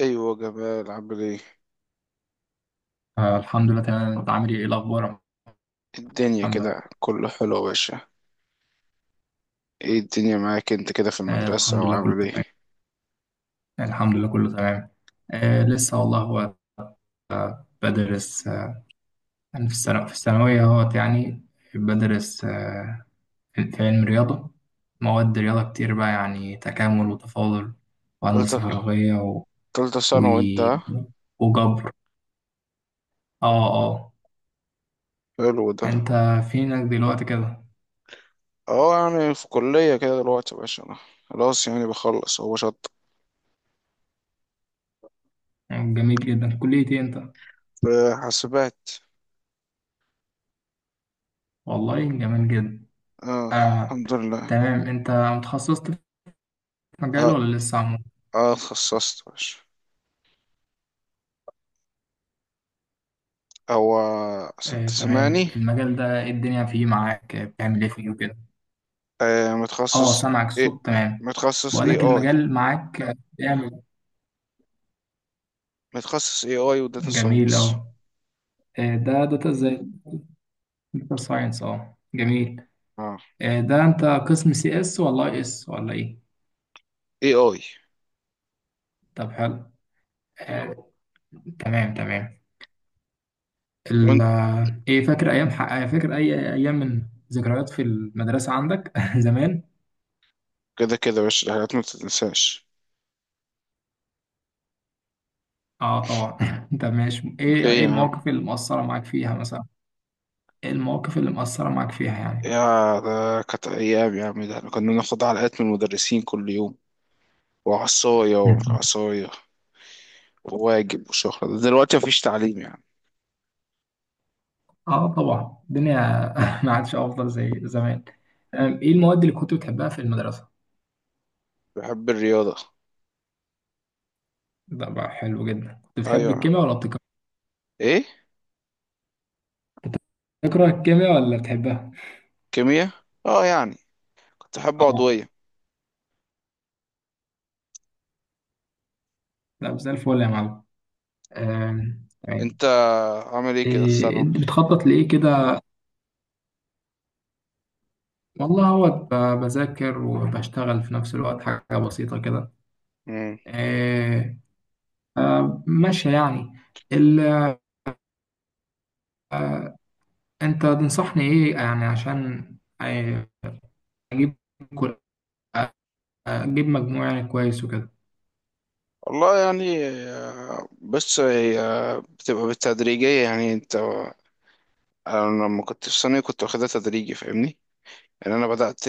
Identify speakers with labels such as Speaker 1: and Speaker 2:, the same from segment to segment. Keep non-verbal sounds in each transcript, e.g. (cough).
Speaker 1: ايوه جمال، عامل ايه
Speaker 2: الحمد لله تمام، انت عامل ايه؟ إيه الاخبار يا
Speaker 1: الدنيا؟
Speaker 2: محمد؟
Speaker 1: كده كله حلو يا باشا. ايه الدنيا معاك انت كده في المدرسة
Speaker 2: الحمد لله كله
Speaker 1: وعامل ايه؟
Speaker 2: تمام. الحمد لله كله تمام. لسه والله، هو بدرس. انا في الثانوية، اهوت يعني. بدرس. في علم رياضة، مواد رياضة كتير بقى يعني، تكامل وتفاضل وهندسة
Speaker 1: تالتة،
Speaker 2: فراغية
Speaker 1: تالتة
Speaker 2: و...
Speaker 1: ثانوي وانت ها؟
Speaker 2: وجبر. اه اه.
Speaker 1: حلو ده.
Speaker 2: انت فينك دلوقتي كده؟
Speaker 1: اه يعني في كلية كده دلوقتي يا باشا. انا خلاص يعني بخلص. هو شط
Speaker 2: جميل جدا، كلية ايه انت؟
Speaker 1: في حاسبات.
Speaker 2: والله جميل جدا.
Speaker 1: اه
Speaker 2: آه
Speaker 1: الحمد لله.
Speaker 2: تمام، انت متخصصت في مجال
Speaker 1: اه
Speaker 2: ولا لسه؟
Speaker 1: اه اتخصصت يا باشا. هو عشان
Speaker 2: تمام،
Speaker 1: تسمعني.
Speaker 2: المجال ده إيه الدنيا فيه معاك؟ بتعمل ايه فيه وكده؟
Speaker 1: آه
Speaker 2: اه،
Speaker 1: متخصص.
Speaker 2: سامعك،
Speaker 1: ايه؟
Speaker 2: الصوت تمام.
Speaker 1: متخصص اي
Speaker 2: بقولك
Speaker 1: اي.
Speaker 2: المجال معاك، بيعمل.
Speaker 1: متخصص اي اي وداتا
Speaker 2: جميل.
Speaker 1: ساينس.
Speaker 2: اه. ده داتا ازاي؟ داتا ساينس، اه جميل.
Speaker 1: اه
Speaker 2: ده انت قسم سي اس ولا اي اس ولا ايه؟
Speaker 1: اي اي.
Speaker 2: طب حلو. آه، تمام تمام. ال آه، ايه فاكر ايام ح- آه، فاكر اي ايام من ذكريات في المدرسة عندك (laughs) زمان؟
Speaker 1: كده كده يا باشا الحاجات ما بتتنساش.
Speaker 2: اه طبعا. (laughs) طب ماشي، ايه
Speaker 1: ايه
Speaker 2: ايه
Speaker 1: يا عم؟
Speaker 2: المواقف اللي مؤثرة معاك فيها مثلا؟ ايه المواقف اللي مؤثرة معاك فيها يعني؟
Speaker 1: يا ده كانت ايام يا عم، ده احنا كنا بناخد علقات من المدرسين كل يوم، وعصاية
Speaker 2: مم.
Speaker 1: وعصاية، وواجب وشهرة. ده دلوقتي مفيش تعليم يعني.
Speaker 2: اه طبعا الدنيا، (laughs) ما عادش افضل زي زمان. ايه المواد اللي كنت بتحبها في المدرسه؟
Speaker 1: بحب الرياضة.
Speaker 2: ده بقى حلو جدا. كنت بتحب
Speaker 1: ايوه يا عم.
Speaker 2: الكيمياء ولا بتكره؟
Speaker 1: ايه؟
Speaker 2: بتكره الكيمياء ولا بتحبها؟
Speaker 1: كيمياء، اه يعني كنت بحب
Speaker 2: اه،
Speaker 1: عضوية.
Speaker 2: لا زي الفل يا معلم. تمام.
Speaker 1: انت عامل ايه كده في
Speaker 2: إيه
Speaker 1: الثانوي؟
Speaker 2: أنت بتخطط لايه كده؟ والله هو بذاكر وبشتغل في نفس الوقت، حاجه بسيطه كده.
Speaker 1: مم.
Speaker 2: إيه، ماشيه يعني. ال- آه، انت تنصحني ايه يعني عشان آه، اجيب، مجموع يعني كويس وكده؟
Speaker 1: والله يعني بس هي بتبقى بالتدريجية يعني. انت، انا لما كنت في ثانوي كنت واخدها تدريجي فاهمني؟ يعني انا بدأت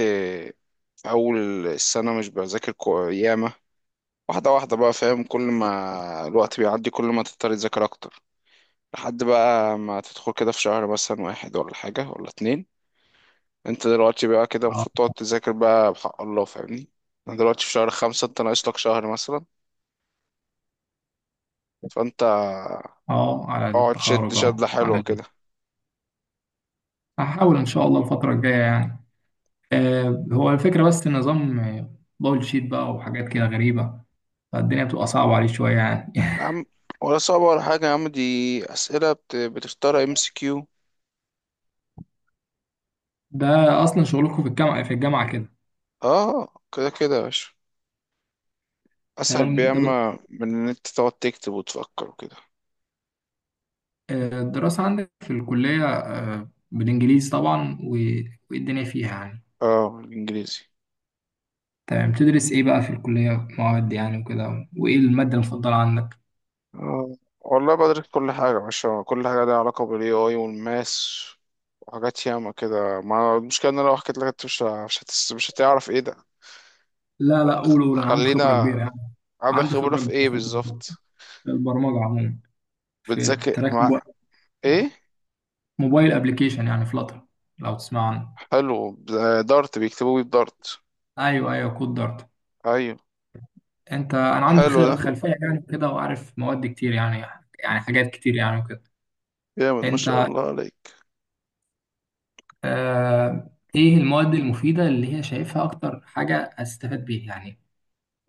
Speaker 1: أول السنة مش بذاكر ياما. واحدة واحدة بقى، فاهم؟ كل ما الوقت بيعدي كل ما تضطر تذاكر أكتر، لحد بقى ما تدخل كده في شهر مثلا واحد ولا حاجة ولا اتنين. أنت دلوقتي بقى كده
Speaker 2: اه
Speaker 1: المفروض تقعد تذاكر بقى بحق الله فاهمني؟ أنا دلوقتي في شهر خمسة، أنت ناقص لك شهر مثلا، فأنت
Speaker 2: اه، على
Speaker 1: اقعد شد
Speaker 2: التخرج،
Speaker 1: شدلة
Speaker 2: اه على
Speaker 1: حلوة كده.
Speaker 2: هحاول ان شاء الله الفتره الجايه يعني. آه، هو الفكره، بس النظام دبل شيت بقى وحاجات كده غريبه، فالدنيا بتبقى صعبه عليه شويه يعني.
Speaker 1: يا
Speaker 2: (laughs)
Speaker 1: عم، ولا صعبة ولا حاجة يا عم، دي أسئلة بتختار ام سي كيو.
Speaker 2: ده اصلا شغلكم في الجامعه، كده.
Speaker 1: اه كده كده يا باشا، أسهل
Speaker 2: تمام.
Speaker 1: بياما من إن أنت تقعد تكتب وتفكر وكده.
Speaker 2: الدراسه عندك في الكليه بالانجليزي طبعا والدنيا فيها يعني.
Speaker 1: اه الانجليزي.
Speaker 2: تمام، تدرس ايه بقى في الكليه، مواد يعني وكده، وايه الماده المفضله عندك؟
Speaker 1: آه. والله بدرس كل حاجة يا باشا، كل حاجة ليها علاقة بال AI والماس وحاجات ياما كده. ما المشكلة ان انا لو حكيت لك انت مش ه- مش هتس... مش هتعرف ايه ده.
Speaker 2: لا لا، قول قول، انا عندي خبره
Speaker 1: خلينا،
Speaker 2: كبيره يعني.
Speaker 1: عندك
Speaker 2: عندي
Speaker 1: خبرة
Speaker 2: خبره
Speaker 1: في ايه
Speaker 2: كبيره في البرمجه،
Speaker 1: بالظبط؟
Speaker 2: في البرمجة عموما. في
Speaker 1: بتذاكر
Speaker 2: تراك موبايل،
Speaker 1: مع ايه؟
Speaker 2: موبايل ابلكيشن يعني فلاتر، لو تسمع عنه.
Speaker 1: حلو. دارت، بيكتبوا بيه بدارت؟
Speaker 2: ايوه ايوه، كود دارت.
Speaker 1: ايوه.
Speaker 2: انا عندي
Speaker 1: حلو ده.
Speaker 2: خير خلفيه يعني كده، وعارف مواد كتير يعني، حاجات كتير يعني وكده.
Speaker 1: جامد ما
Speaker 2: انت
Speaker 1: شاء الله عليك.
Speaker 2: آه ايه المواد المفيده اللي هي شايفها اكتر حاجه استفاد بيها يعني؟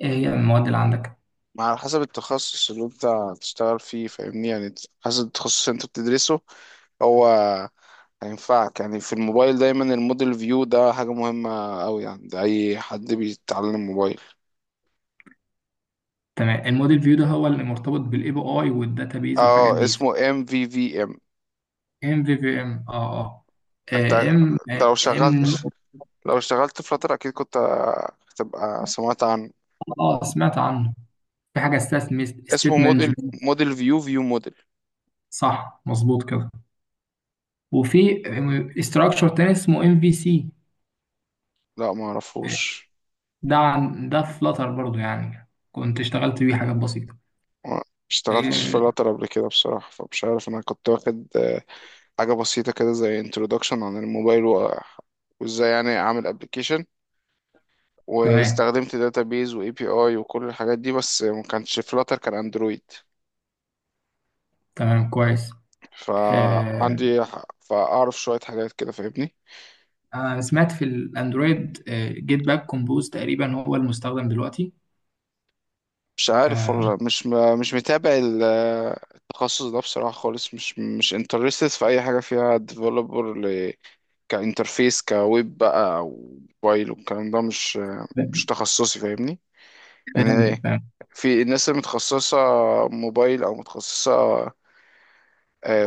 Speaker 2: ايه هي المواد اللي عندك؟
Speaker 1: ما على حسب التخصص اللي انت هتشتغل فيه فاهمني؟ يعني حسب التخصص اللي انت بتدرسه هو هينفعك. يعني في الموبايل دايما الموديل فيو ده حاجة مهمة أوي يعني، ده أي حد بيتعلم موبايل.
Speaker 2: تمام، الموديل فيو ده هو اللي مرتبط بالاي بي اي والداتابيز والحاجات
Speaker 1: اه
Speaker 2: دي.
Speaker 1: اسمه ام في في ام.
Speaker 2: MVVM، اه اه.
Speaker 1: انت
Speaker 2: آه، ام
Speaker 1: أنت لو
Speaker 2: ام
Speaker 1: شغلت، لو اشتغلت فلاتر أكيد كنت هتبقى سمعت عنه.
Speaker 2: اه، سمعت عنه. في حاجه اسمها
Speaker 1: اسمه
Speaker 2: ستيت
Speaker 1: موديل،
Speaker 2: مانجمنت.
Speaker 1: موديل فيو، فيو موديل.
Speaker 2: صح مظبوط كده. وفي استراكشر تاني اسمه MVC.
Speaker 1: لا ما اعرفوش.
Speaker 2: ده عن ده فلاتر برضو يعني، كنت اشتغلت بيه حاجات بسيطه.
Speaker 1: ما اشتغلتش في
Speaker 2: آه،
Speaker 1: فلاتر قبل كده بصراحة، فمش عارف. أنا كنت واخد حاجة بسيطة كده زي introduction عن الموبايل وازاي يعني أعمل application،
Speaker 2: تمام
Speaker 1: واستخدمت داتابيز واي بي اي وكل الحاجات دي، بس ما كانش فلاتر، كان اندرويد.
Speaker 2: تمام كويس. آه،
Speaker 1: فعندي فاعرف شوية حاجات كده فاهمني؟
Speaker 2: انا سمعت في الاندرويد جيت باك كومبوز تقريبا هو المستخدم دلوقتي.
Speaker 1: مش عارف
Speaker 2: آه،
Speaker 1: والله، مش متابع التخصص ده بصراحة خالص. مش مش انترستد في اي حاجة فيها ديفلوبر ل... كانترفيس كويب بقى او موبايل والكلام ده، مش مش تخصصي فاهمني
Speaker 2: فهمت
Speaker 1: يعني. في الناس اللي متخصصة موبايل او متخصصة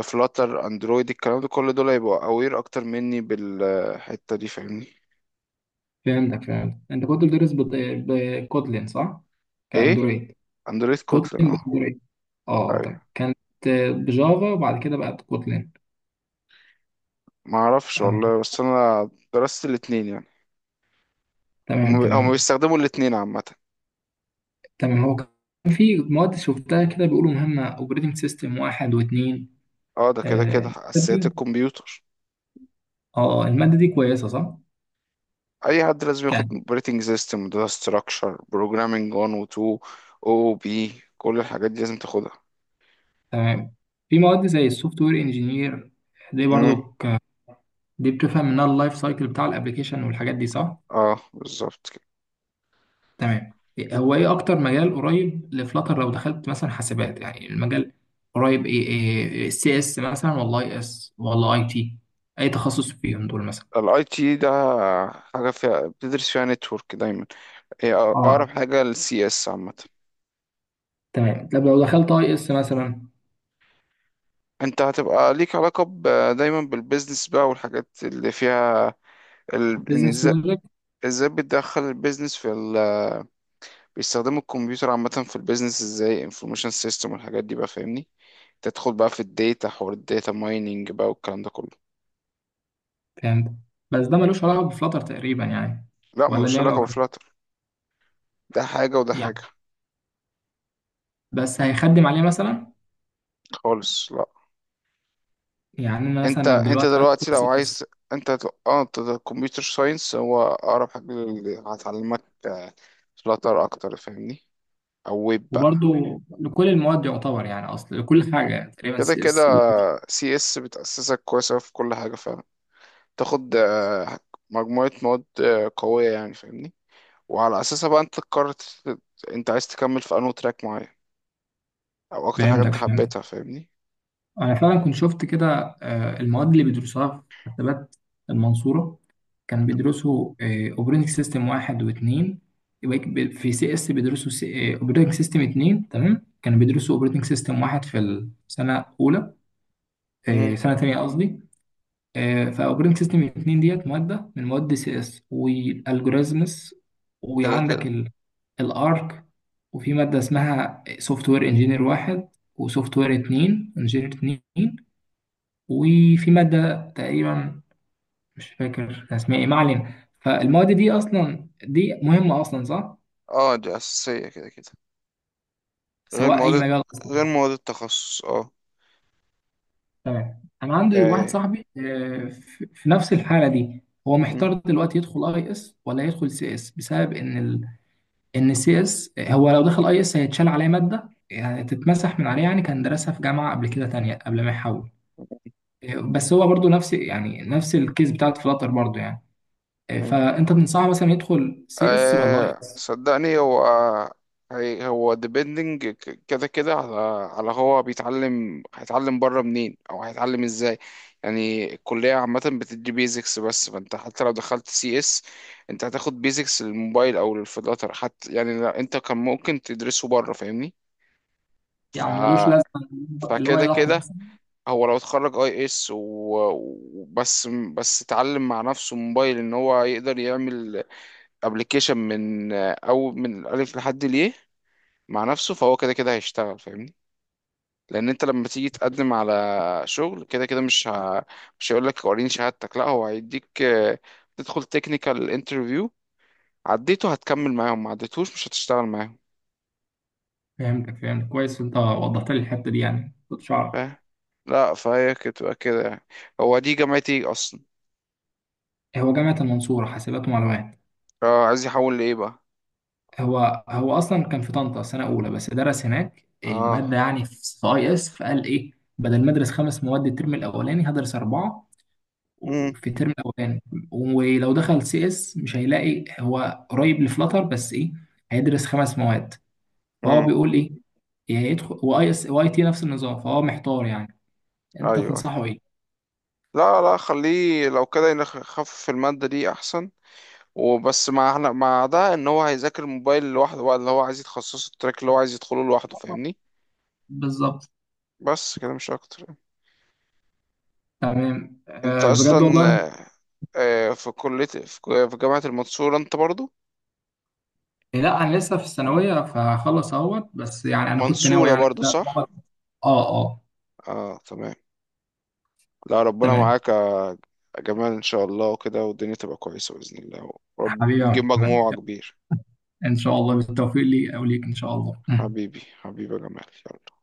Speaker 1: فلاتر اندرويد الكلام ده، كل دول هيبقوا اوير اكتر مني بالحته دي فاهمني؟
Speaker 2: فهمتك فهمتك، انت كنت بتدرس بكوتلين صح؟
Speaker 1: ايه
Speaker 2: كاندرويد،
Speaker 1: اندرويد كوتلين
Speaker 2: كوتلين
Speaker 1: اه.
Speaker 2: باندرويد، اه تمام،
Speaker 1: ايوه.
Speaker 2: كانت بجافا وبعد كده بقت كوتلين.
Speaker 1: ما اعرفش
Speaker 2: آه.
Speaker 1: والله، بس انا درست الاتنين يعني. هم
Speaker 2: تمام
Speaker 1: هم
Speaker 2: تمام
Speaker 1: بيستخدموا الاتنين عامه.
Speaker 2: تمام. هو كان في مواد شفتها كده بيقولوا مهمة، اوبريتنج سيستم واحد واثنين.
Speaker 1: اه ده كده كده
Speaker 2: اه،
Speaker 1: اساسيات الكمبيوتر.
Speaker 2: المادة دي كويسة صح؟
Speaker 1: اي حد لازم ياخد
Speaker 2: كان
Speaker 1: اوبريتنج سيستم، داتا ستراكشر، بروجرامينج 1 و 2، او بي، كل الحاجات دي لازم تاخدها.
Speaker 2: تمام. في مواد زي السوفت وير انجينير، دي برضو
Speaker 1: امم.
Speaker 2: دي بتفهم منها اللايف سايكل بتاع الابلكيشن والحاجات دي صح؟
Speaker 1: اه بالظبط كده.
Speaker 2: تمام. هو ايه اكتر مجال قريب لفلاتر لو دخلت مثلا حاسبات؟ يعني المجال قريب ايه؟ ايه، سي اس مثلا ولا اي اس ولا اي تي؟ اي تخصص فيهم دول مثلا؟
Speaker 1: الاي تي ده حاجه فيها بتدرس فيها نتورك دايما، هي
Speaker 2: اه
Speaker 1: اقرب حاجه للسي اس عامه.
Speaker 2: تمام. طب لو دخلت اي اس مثلا
Speaker 1: انت هتبقى ليك علاقة دايما بالبيزنس بقى والحاجات اللي فيها ال... ان
Speaker 2: بزنس
Speaker 1: ازاي،
Speaker 2: لوجيك؟
Speaker 1: ازاي بتدخل البيزنس في ال... بيستخدموا الكمبيوتر عامة في البيزنس ازاي، انفورميشن سيستم والحاجات دي بقى فاهمني؟ تدخل بقى في الداتا، حوار الداتا مايننج بقى والكلام ده كله.
Speaker 2: فهمت، بس ده ملوش علاقه بفلاتر تقريبا يعني،
Speaker 1: لا
Speaker 2: ولا
Speaker 1: ملوش
Speaker 2: ليه
Speaker 1: علاقة
Speaker 2: علاقه
Speaker 1: بفلاتر، ده حاجة وده
Speaker 2: يعني؟
Speaker 1: حاجة
Speaker 2: بس هيخدم عليه مثلا؟
Speaker 1: خالص، لا.
Speaker 2: يعني انا مثلا
Speaker 1: انت
Speaker 2: لو
Speaker 1: انت
Speaker 2: دلوقتي هدخل
Speaker 1: دلوقتي لو
Speaker 2: سي
Speaker 1: عايز،
Speaker 2: اس.
Speaker 1: اه انت كمبيوتر ساينس هو اقرب حاجة اللي هتعلمك فلاتر اكتر فاهمني. او ويب بقى.
Speaker 2: وبرضه لكل المواد يعتبر يعني، اصل لكل حاجه تقريبا
Speaker 1: كده
Speaker 2: سي
Speaker 1: كده
Speaker 2: اس.
Speaker 1: سي اس بتأسسك كويسة في كل حاجة، فاهم؟ تاخد مجموعة مواد قوية يعني فاهمني؟ وعلى أساسها بقى أنت تقرر أنت عايز تكمل في أنو تراك معين، أو أكتر حاجة
Speaker 2: فهمتك
Speaker 1: أنت
Speaker 2: فهمتك.
Speaker 1: حبيتها فاهمني؟
Speaker 2: أنا فعلا كنت شفت كده، المواد اللي بيدرسوها في حسابات المنصورة، كان بيدرسوا أوبريتنج سيستم واحد واتنين. يبقى في سي اس بيدرسوا أوبريتنج سيستم اتنين. تمام، كانوا بيدرسوا أوبريتنج سيستم واحد في السنة الأولى،
Speaker 1: امم.
Speaker 2: سنة تانية قصدي. فأوبريتنج سيستم اتنين ديت مادة من مواد سي اس، والألجوريزمز،
Speaker 1: كده كده.
Speaker 2: وعندك الارك، وفي مادة اسمها سوفت وير انجينير واحد وسوفت وير اتنين انجينير اتنين، وفي مادة تقريبا مش فاكر كان اسمها ايه، ما علينا. فالمواد دي اصلا دي مهمة اصلا صح،
Speaker 1: اه دي اساسيه كده كده. غير
Speaker 2: سواء اي
Speaker 1: مواد،
Speaker 2: مجال اصلا.
Speaker 1: غير مواد التخصص اه.
Speaker 2: تمام. انا عندي واحد
Speaker 1: آه.
Speaker 2: صاحبي في نفس الحالة دي، هو
Speaker 1: مم.
Speaker 2: محتار دلوقتي يدخل اي اس ولا يدخل سي اس بسبب ان ان سي اس، هو لو دخل اي اس هيتشال عليه مادة يعني تتمسح من عليه يعني، كان درسها في جامعة قبل كده تانية قبل ما يحول. بس هو برضو نفس يعني نفس الكيس بتاعت فلاتر برضو يعني.
Speaker 1: مم.
Speaker 2: فانت تنصحه مثلا يدخل سي اس ولا اي
Speaker 1: آه
Speaker 2: اس؟
Speaker 1: صدقني هو، هو ديبندنج كده كده على، على هو بيتعلم، هيتعلم بره منين او هيتعلم ازاي. يعني الكلية عامة بتدي بيزكس بس، فانت حتى لو دخلت سي اس انت هتاخد بيزكس للموبايل او للفلاتر حتى يعني. لا انت كان ممكن تدرسه بره فاهمني؟ ف
Speaker 2: يعني ملوش لازمة اللي هو
Speaker 1: فكده
Speaker 2: يضحي
Speaker 1: كده.
Speaker 2: مثلا؟
Speaker 1: هو لو اتخرج اي اس وبس، بس اتعلم مع نفسه موبايل ان هو يقدر يعمل ابلكيشن من او من الالف لحد ليه مع نفسه، فهو كده كده هيشتغل فاهمني؟ لان انت لما تيجي تقدم على شغل كده كده مش هيقول لك وريني شهادتك، لا هو هيديك تدخل تكنيكال انترفيو، عديته هتكمل معاهم، ما عديتوش مش هتشتغل معاهم.
Speaker 2: فهمتك فهمتك كويس، انت وضحت لي الحتة دي يعني كنتش اعرف.
Speaker 1: فاهم؟ لا فهي كده تبقى كده يعني. هو دي جامعتي ايه اصلا؟
Speaker 2: هو جامعة المنصورة حاسبات ومعلومات.
Speaker 1: اه عايز يحول لايه بقى؟
Speaker 2: هو هو اصلا كان في طنطا سنة اولى بس درس هناك
Speaker 1: اه.
Speaker 2: مادة يعني في اي اس، فقال ايه بدل ما ادرس 5 مواد الترم الاولاني هدرس اربعة،
Speaker 1: امم.
Speaker 2: في الترم الاولاني. ولو دخل سي اس مش هيلاقي هو قريب لفلاتر، بس ايه هيدرس 5 مواد. فهو
Speaker 1: امم.
Speaker 2: بيقول ايه، يا يدخل واي اس واي تي نفس النظام، فهو محتار يعني. انت
Speaker 1: ايوه.
Speaker 2: تنصحه ايه؟
Speaker 1: لا لا خليه لو كده يخفف المادة دي احسن، وبس مع احنا مع ده ان هو هيذاكر الموبايل لوحده بقى، اللي هو عايز يتخصصه، التراك اللي هو عايز يدخله لوحده فاهمني.
Speaker 2: بالظبط.
Speaker 1: بس كده مش اكتر يعني.
Speaker 2: تمام.
Speaker 1: انت اصلا
Speaker 2: بجد والله أنا...
Speaker 1: في كلية في جامعة المنصورة انت برضو،
Speaker 2: لا انا لسه في الثانويه، فهخلص اهوت بس يعني، انا كنت ناوي
Speaker 1: منصورة
Speaker 2: يعني
Speaker 1: برضو
Speaker 2: كده.
Speaker 1: صح؟
Speaker 2: اه اه،
Speaker 1: اه تمام. لا ربنا
Speaker 2: تمام.
Speaker 1: معاك يا جمال ان شاء الله وكده، والدنيا تبقى كويسة بإذن الله ورب،
Speaker 2: حبيبي
Speaker 1: وتجيب
Speaker 2: يا
Speaker 1: مجموعة
Speaker 2: محمد،
Speaker 1: كبير.
Speaker 2: ان شاء الله بالتوفيق لي او ليك ان شاء الله.
Speaker 1: حبيبي حبيبي يا جمال. يلا.